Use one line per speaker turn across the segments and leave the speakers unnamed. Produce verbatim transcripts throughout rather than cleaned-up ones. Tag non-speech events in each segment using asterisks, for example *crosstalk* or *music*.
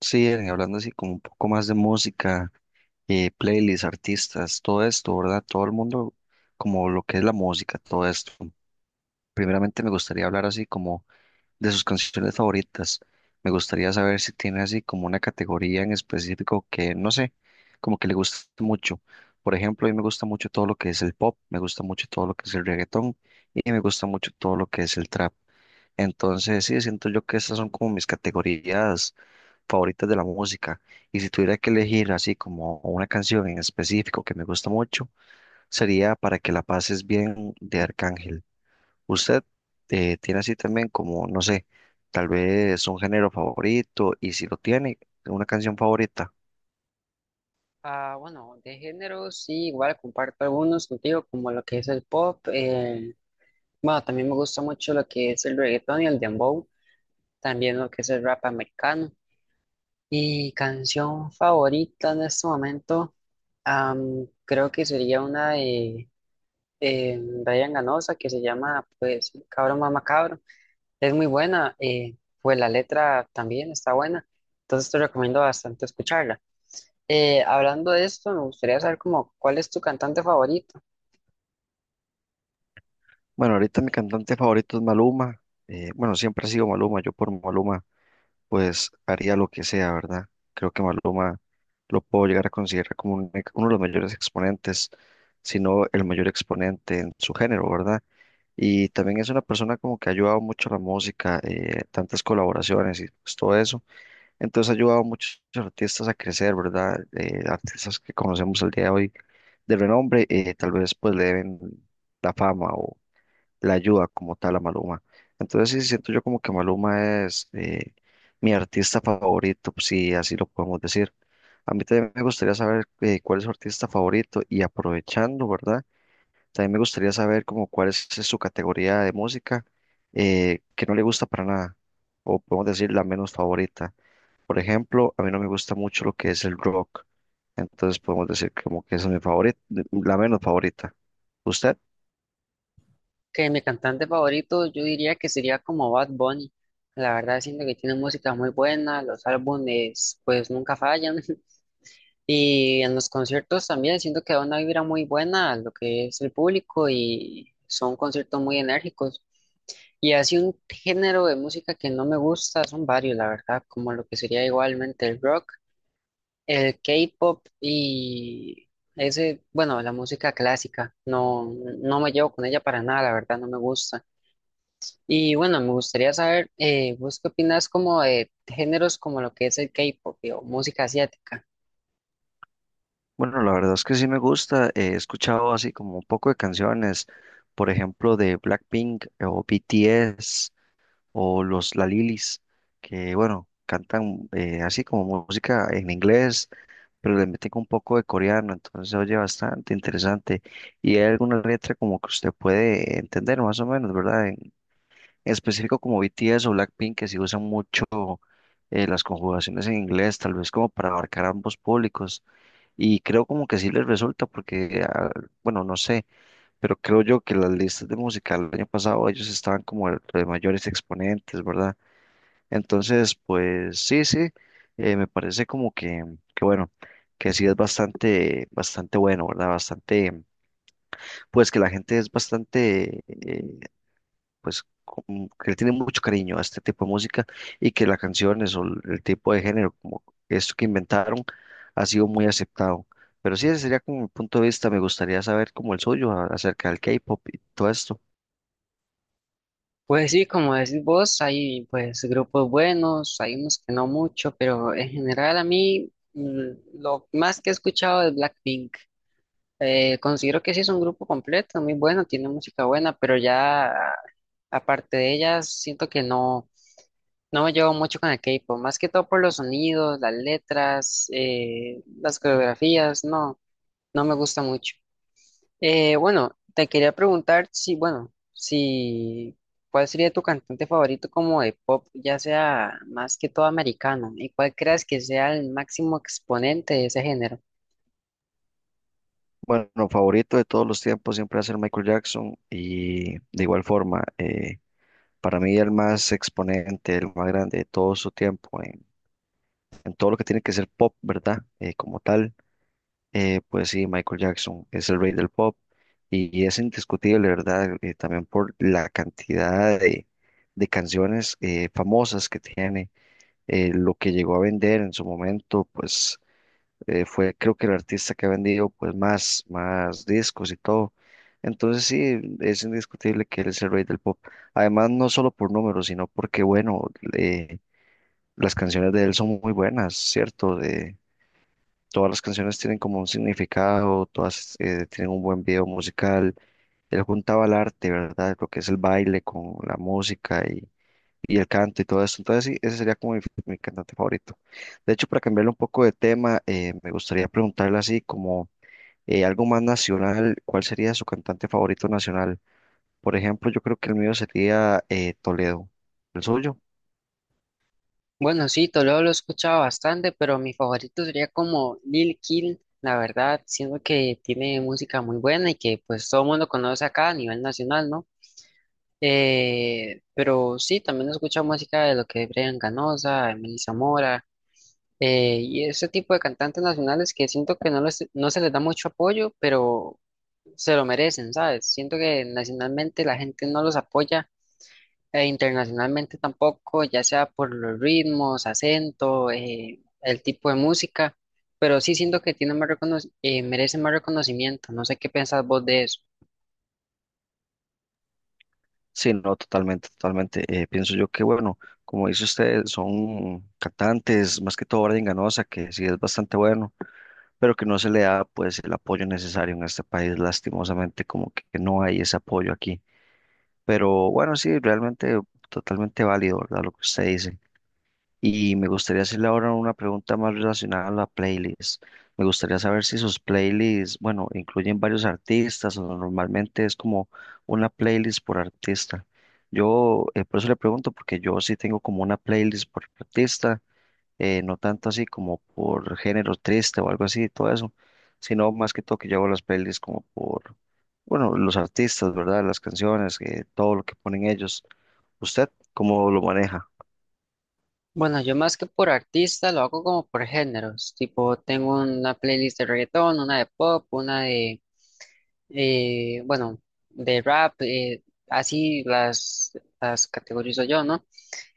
Sí, Eren, hablando así como un poco más de música, eh, playlists, artistas, todo esto, ¿verdad? Todo el mundo, como lo que es la música, todo esto. Primeramente me gustaría hablar así como de sus canciones favoritas. Me gustaría saber si tiene así como una categoría en específico que, no sé, como que le guste mucho. Por ejemplo, a mí me gusta mucho todo lo que es el pop, me gusta mucho todo lo que es el reggaetón y me gusta mucho todo lo que es el trap. Entonces, sí, siento yo que estas son como mis categorías favoritas de la música. Y si tuviera que elegir así como una canción en específico que me gusta mucho, sería Para que la pases bien de Arcángel. ¿Usted eh, tiene así también como, no sé, tal vez un género favorito? Y si lo tiene, una canción favorita.
Ah, bueno, de género sí, igual comparto algunos contigo, como lo que es el pop. Eh, bueno, también me gusta mucho lo que es el reggaetón y el dembow, también lo que es el rap americano. Y canción favorita en este momento, am, creo que sería una de eh, Ryan Ganosa que se llama, pues, Cabro Mama Cabro. Es muy buena, eh, pues la letra también está buena, entonces te recomiendo bastante escucharla. Eh, hablando de esto, me gustaría saber como cuál es tu cantante favorito.
Bueno, ahorita mi cantante favorito es Maluma. Eh, bueno, siempre ha sido Maluma. Yo por Maluma pues haría lo que sea, ¿verdad? Creo que Maluma lo puedo llegar a considerar como un ex- uno de los mayores exponentes, si no el mayor exponente en su género, ¿verdad? Y también es una persona como que ha ayudado mucho a la música, eh, tantas colaboraciones y pues todo eso. Entonces ha ayudado a muchos artistas a crecer, ¿verdad? Eh, artistas que conocemos el día de hoy de renombre, eh, tal vez pues le deben la fama la ayuda como tal a Maluma. Entonces sí siento yo como que Maluma es eh, mi artista favorito, pues, si así lo podemos decir. A mí también me gustaría saber eh, cuál es su artista favorito y aprovechando, ¿verdad? También me gustaría saber como cuál es su categoría de música eh, que no le gusta para nada, o podemos decir la menos favorita. Por ejemplo, a mí no me gusta mucho lo que es el rock, entonces podemos decir como que esa es mi favorita, la menos favorita. ¿Usted?
Que mi cantante favorito yo diría que sería como Bad Bunny. La verdad siento que tiene música muy buena, los álbumes pues nunca fallan *laughs* y en los conciertos también siento que da una vibra muy buena a lo que es el público y son conciertos muy enérgicos. Y así un género de música que no me gusta son varios, la verdad, como lo que sería igualmente el rock. El K-pop y ese, bueno, la música clásica, no, no me llevo con ella para nada, la verdad, no me gusta. Y bueno, me gustaría saber, eh, ¿vos qué opinas como de géneros como lo que es el K-pop y- o música asiática?
Bueno, la verdad es que sí me gusta. eh, He escuchado así como un poco de canciones, por ejemplo, de Blackpink eh, o B T S o los La Lilis, que bueno, cantan eh, así como música en inglés, pero le meten un poco de coreano, entonces se oye bastante interesante. Y hay alguna letra como que usted puede entender más o menos, ¿verdad? En, en específico como B T S o Blackpink, que sí usan mucho eh, las conjugaciones en inglés, tal vez como para abarcar ambos públicos. Y creo como que sí les resulta porque, ah, bueno, no sé, pero creo yo que las listas de música el año pasado ellos estaban como el- de mayores exponentes, ¿verdad? Entonces, pues sí, sí, eh, me parece como que, que bueno, que sí es bastante, bastante bueno, ¿verdad? Bastante, pues que la gente es bastante, eh, pues como que le tiene mucho cariño a este tipo de música y que las canciones o el el tipo de género como esto que inventaron ha sido muy aceptado. Pero sí, ese sería como mi punto de vista. Me gustaría saber como el suyo a- acerca del K-pop y todo esto.
Pues sí, como decís vos, hay pues grupos buenos, hay unos que no mucho, pero en general a mí mm, lo más que he escuchado es Blackpink. Eh, considero que sí es un grupo completo, muy bueno, tiene música buena, pero ya aparte de ellas, siento que no, no me llevo mucho con el K-pop, más que todo por los sonidos, las letras, eh, las coreografías, no, no me gusta mucho. Eh, bueno, te quería preguntar si, bueno, si, ¿cuál sería tu cantante favorito como de pop, ya sea más que todo americano, y cuál creas que sea el máximo exponente de ese género?
Bueno, favorito de todos los tiempos siempre va a ser Michael Jackson y de igual forma, eh, para mí el más exponente, el más grande de todo su tiempo en, en todo lo que tiene que ser pop, ¿verdad? Eh, como tal. Eh, pues sí, Michael Jackson es el rey del pop y, y es indiscutible, ¿verdad? Eh, también por la cantidad de, de canciones eh, famosas que tiene, eh, lo que llegó a vender en su momento, pues eh, fue creo que el artista que ha vendido pues más, más discos y todo. Entonces sí, es indiscutible que él es el rey del pop. Además, no solo por números, sino porque, bueno, eh, las canciones de él son muy buenas, ¿cierto? De, Todas las canciones tienen como un significado, todas eh, tienen un buen video musical. Él juntaba el arte, ¿verdad? Lo que es el baile con la música y, y el canto y todo eso. Entonces, sí, ese sería como mi, mi cantante favorito. De hecho, para cambiarle un poco de tema, eh, me gustaría preguntarle así como eh, algo más nacional, ¿cuál sería su cantante favorito nacional? Por ejemplo, yo creo que el mío sería eh, Toledo. ¿El suyo?
Bueno, sí, Toledo lo he escuchado bastante, pero mi favorito sería como Lil Kill, la verdad, siento que tiene música muy buena y que pues todo el mundo conoce acá a nivel nacional, ¿no? Eh, pero sí, también he escuchado música de lo que es Brian Ganosa, Emily Zamora, eh, y ese tipo de cantantes nacionales que siento que no, les- no se les da mucho apoyo, pero se lo merecen, ¿sabes? Siento que nacionalmente la gente no los apoya e internacionalmente tampoco, ya sea por los ritmos, acento, eh, el tipo de música, pero sí siento que tiene más recono- eh, merece más reconocimiento. No sé qué pensás vos de eso.
Sí, no, totalmente, totalmente. Eh, pienso yo que, bueno, como dice usted, son cantantes, más que todo Brian Ganosa, que sí es bastante bueno, pero que no se le da pues el apoyo necesario en este país, lastimosamente, como que no hay ese apoyo aquí. Pero bueno, sí, realmente totalmente válido, ¿verdad? Lo que usted dice. Y me gustaría hacerle ahora una pregunta más relacionada a la playlist. Me gustaría saber si sus playlists, bueno, incluyen varios artistas o normalmente es como una playlist por artista. Yo, eh, por eso le pregunto, porque yo sí tengo como una playlist por artista, eh, no tanto así como por género triste o algo así, y todo eso, sino más que todo que yo hago las playlists como por, bueno, los artistas, ¿verdad? Las canciones, eh, todo lo que ponen ellos. ¿Usted cómo lo maneja?
Bueno, yo más que por artista lo hago como por géneros, tipo tengo una playlist de reggaetón, una de pop, una de, eh, bueno, de rap, eh, así las, las categorizo yo, ¿no?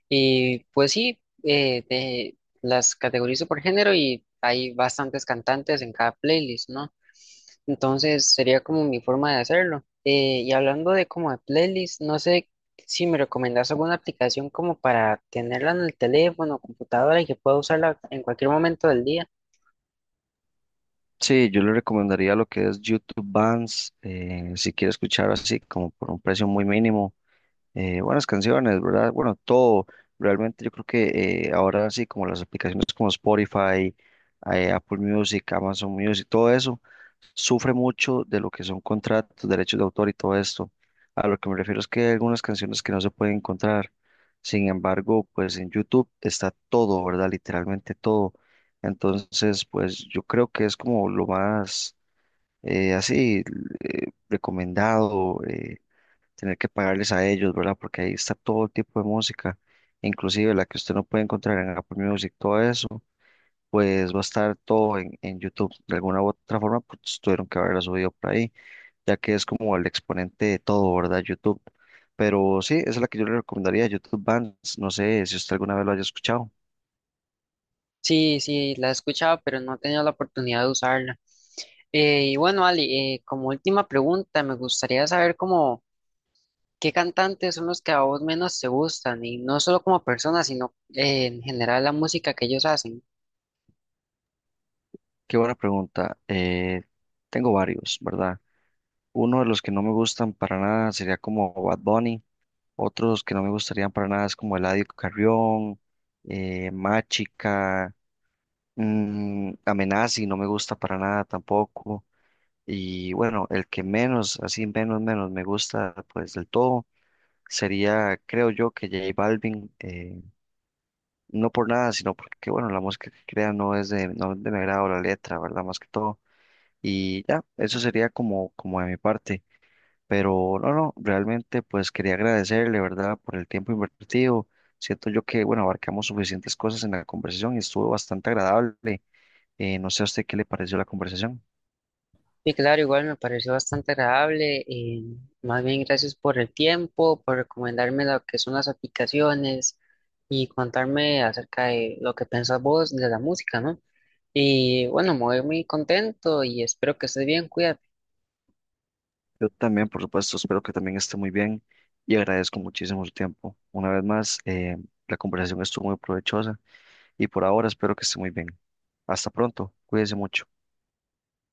Y pues sí, eh, de- las categorizo por género y hay bastantes cantantes en cada playlist, ¿no? Entonces sería como mi forma de hacerlo. Eh, y hablando de como de playlist, no sé si me recomendás alguna aplicación como para tenerla en el teléfono o computadora y que pueda usarla en cualquier momento del día.
Sí, yo le recomendaría lo que es YouTube Bands, eh, si quiere escuchar así como por un precio muy mínimo, eh, buenas canciones, ¿verdad? Bueno, todo, realmente yo creo que eh, ahora sí como las aplicaciones como Spotify, eh, Apple Music, Amazon Music, todo eso sufre mucho de lo que son contratos, derechos de autor y todo esto. A lo que me refiero es que hay algunas canciones que no se pueden encontrar. Sin embargo, pues en YouTube está todo, ¿verdad? Literalmente todo. Entonces, pues yo creo que es como lo más eh, así eh, recomendado, eh, tener que pagarles a ellos, ¿verdad? Porque ahí está todo tipo de música, inclusive la que usted no puede encontrar en Apple Music, todo eso pues va a estar todo en, en YouTube. De alguna u otra forma, pues tuvieron que haberla subido por ahí, ya que es como el exponente de todo, ¿verdad? YouTube. Pero sí, esa es la que yo le recomendaría, YouTube Bands. No sé si usted alguna vez lo haya escuchado.
Sí, sí, la he escuchado, pero no he tenido la oportunidad de usarla. Eh, y bueno, Ali, eh, como última pregunta, me gustaría saber cómo... ¿Qué cantantes son los que a vos menos te gustan? Y no solo como personas, sino eh, en general la música que ellos hacen.
Qué buena pregunta. Eh, tengo varios, ¿verdad? Uno de los que no me gustan para nada sería como Bad Bunny. Otros que no me gustarían para nada es como Eladio Carrión, eh, Machica, mm, Amenazi, no me gusta para nada tampoco. Y bueno, el que menos, así menos, menos me gusta, pues del todo, sería, creo yo, que J Balvin, eh, no por nada, sino porque, bueno, la música que crea no es de, no es de mi agrado la letra, ¿verdad? Más que todo. Y ya, eso sería como, como de mi parte. Pero no, no, realmente pues quería agradecerle, ¿verdad? Por el tiempo invertido. Siento yo que, bueno, abarcamos suficientes cosas en la conversación y estuvo bastante agradable. Eh, no sé a usted qué le pareció la conversación.
Y claro, igual me pareció bastante agradable. Eh, más bien gracias por el tiempo, por recomendarme lo que son las aplicaciones y contarme acerca de lo que pensás vos de la música, ¿no? Y bueno, me voy muy contento y espero que estés bien, cuídate.
Yo también, por supuesto, espero que también esté muy bien y agradezco muchísimo su tiempo. Una vez más, eh, la conversación estuvo muy provechosa y por ahora espero que esté muy bien. Hasta pronto, cuídese mucho.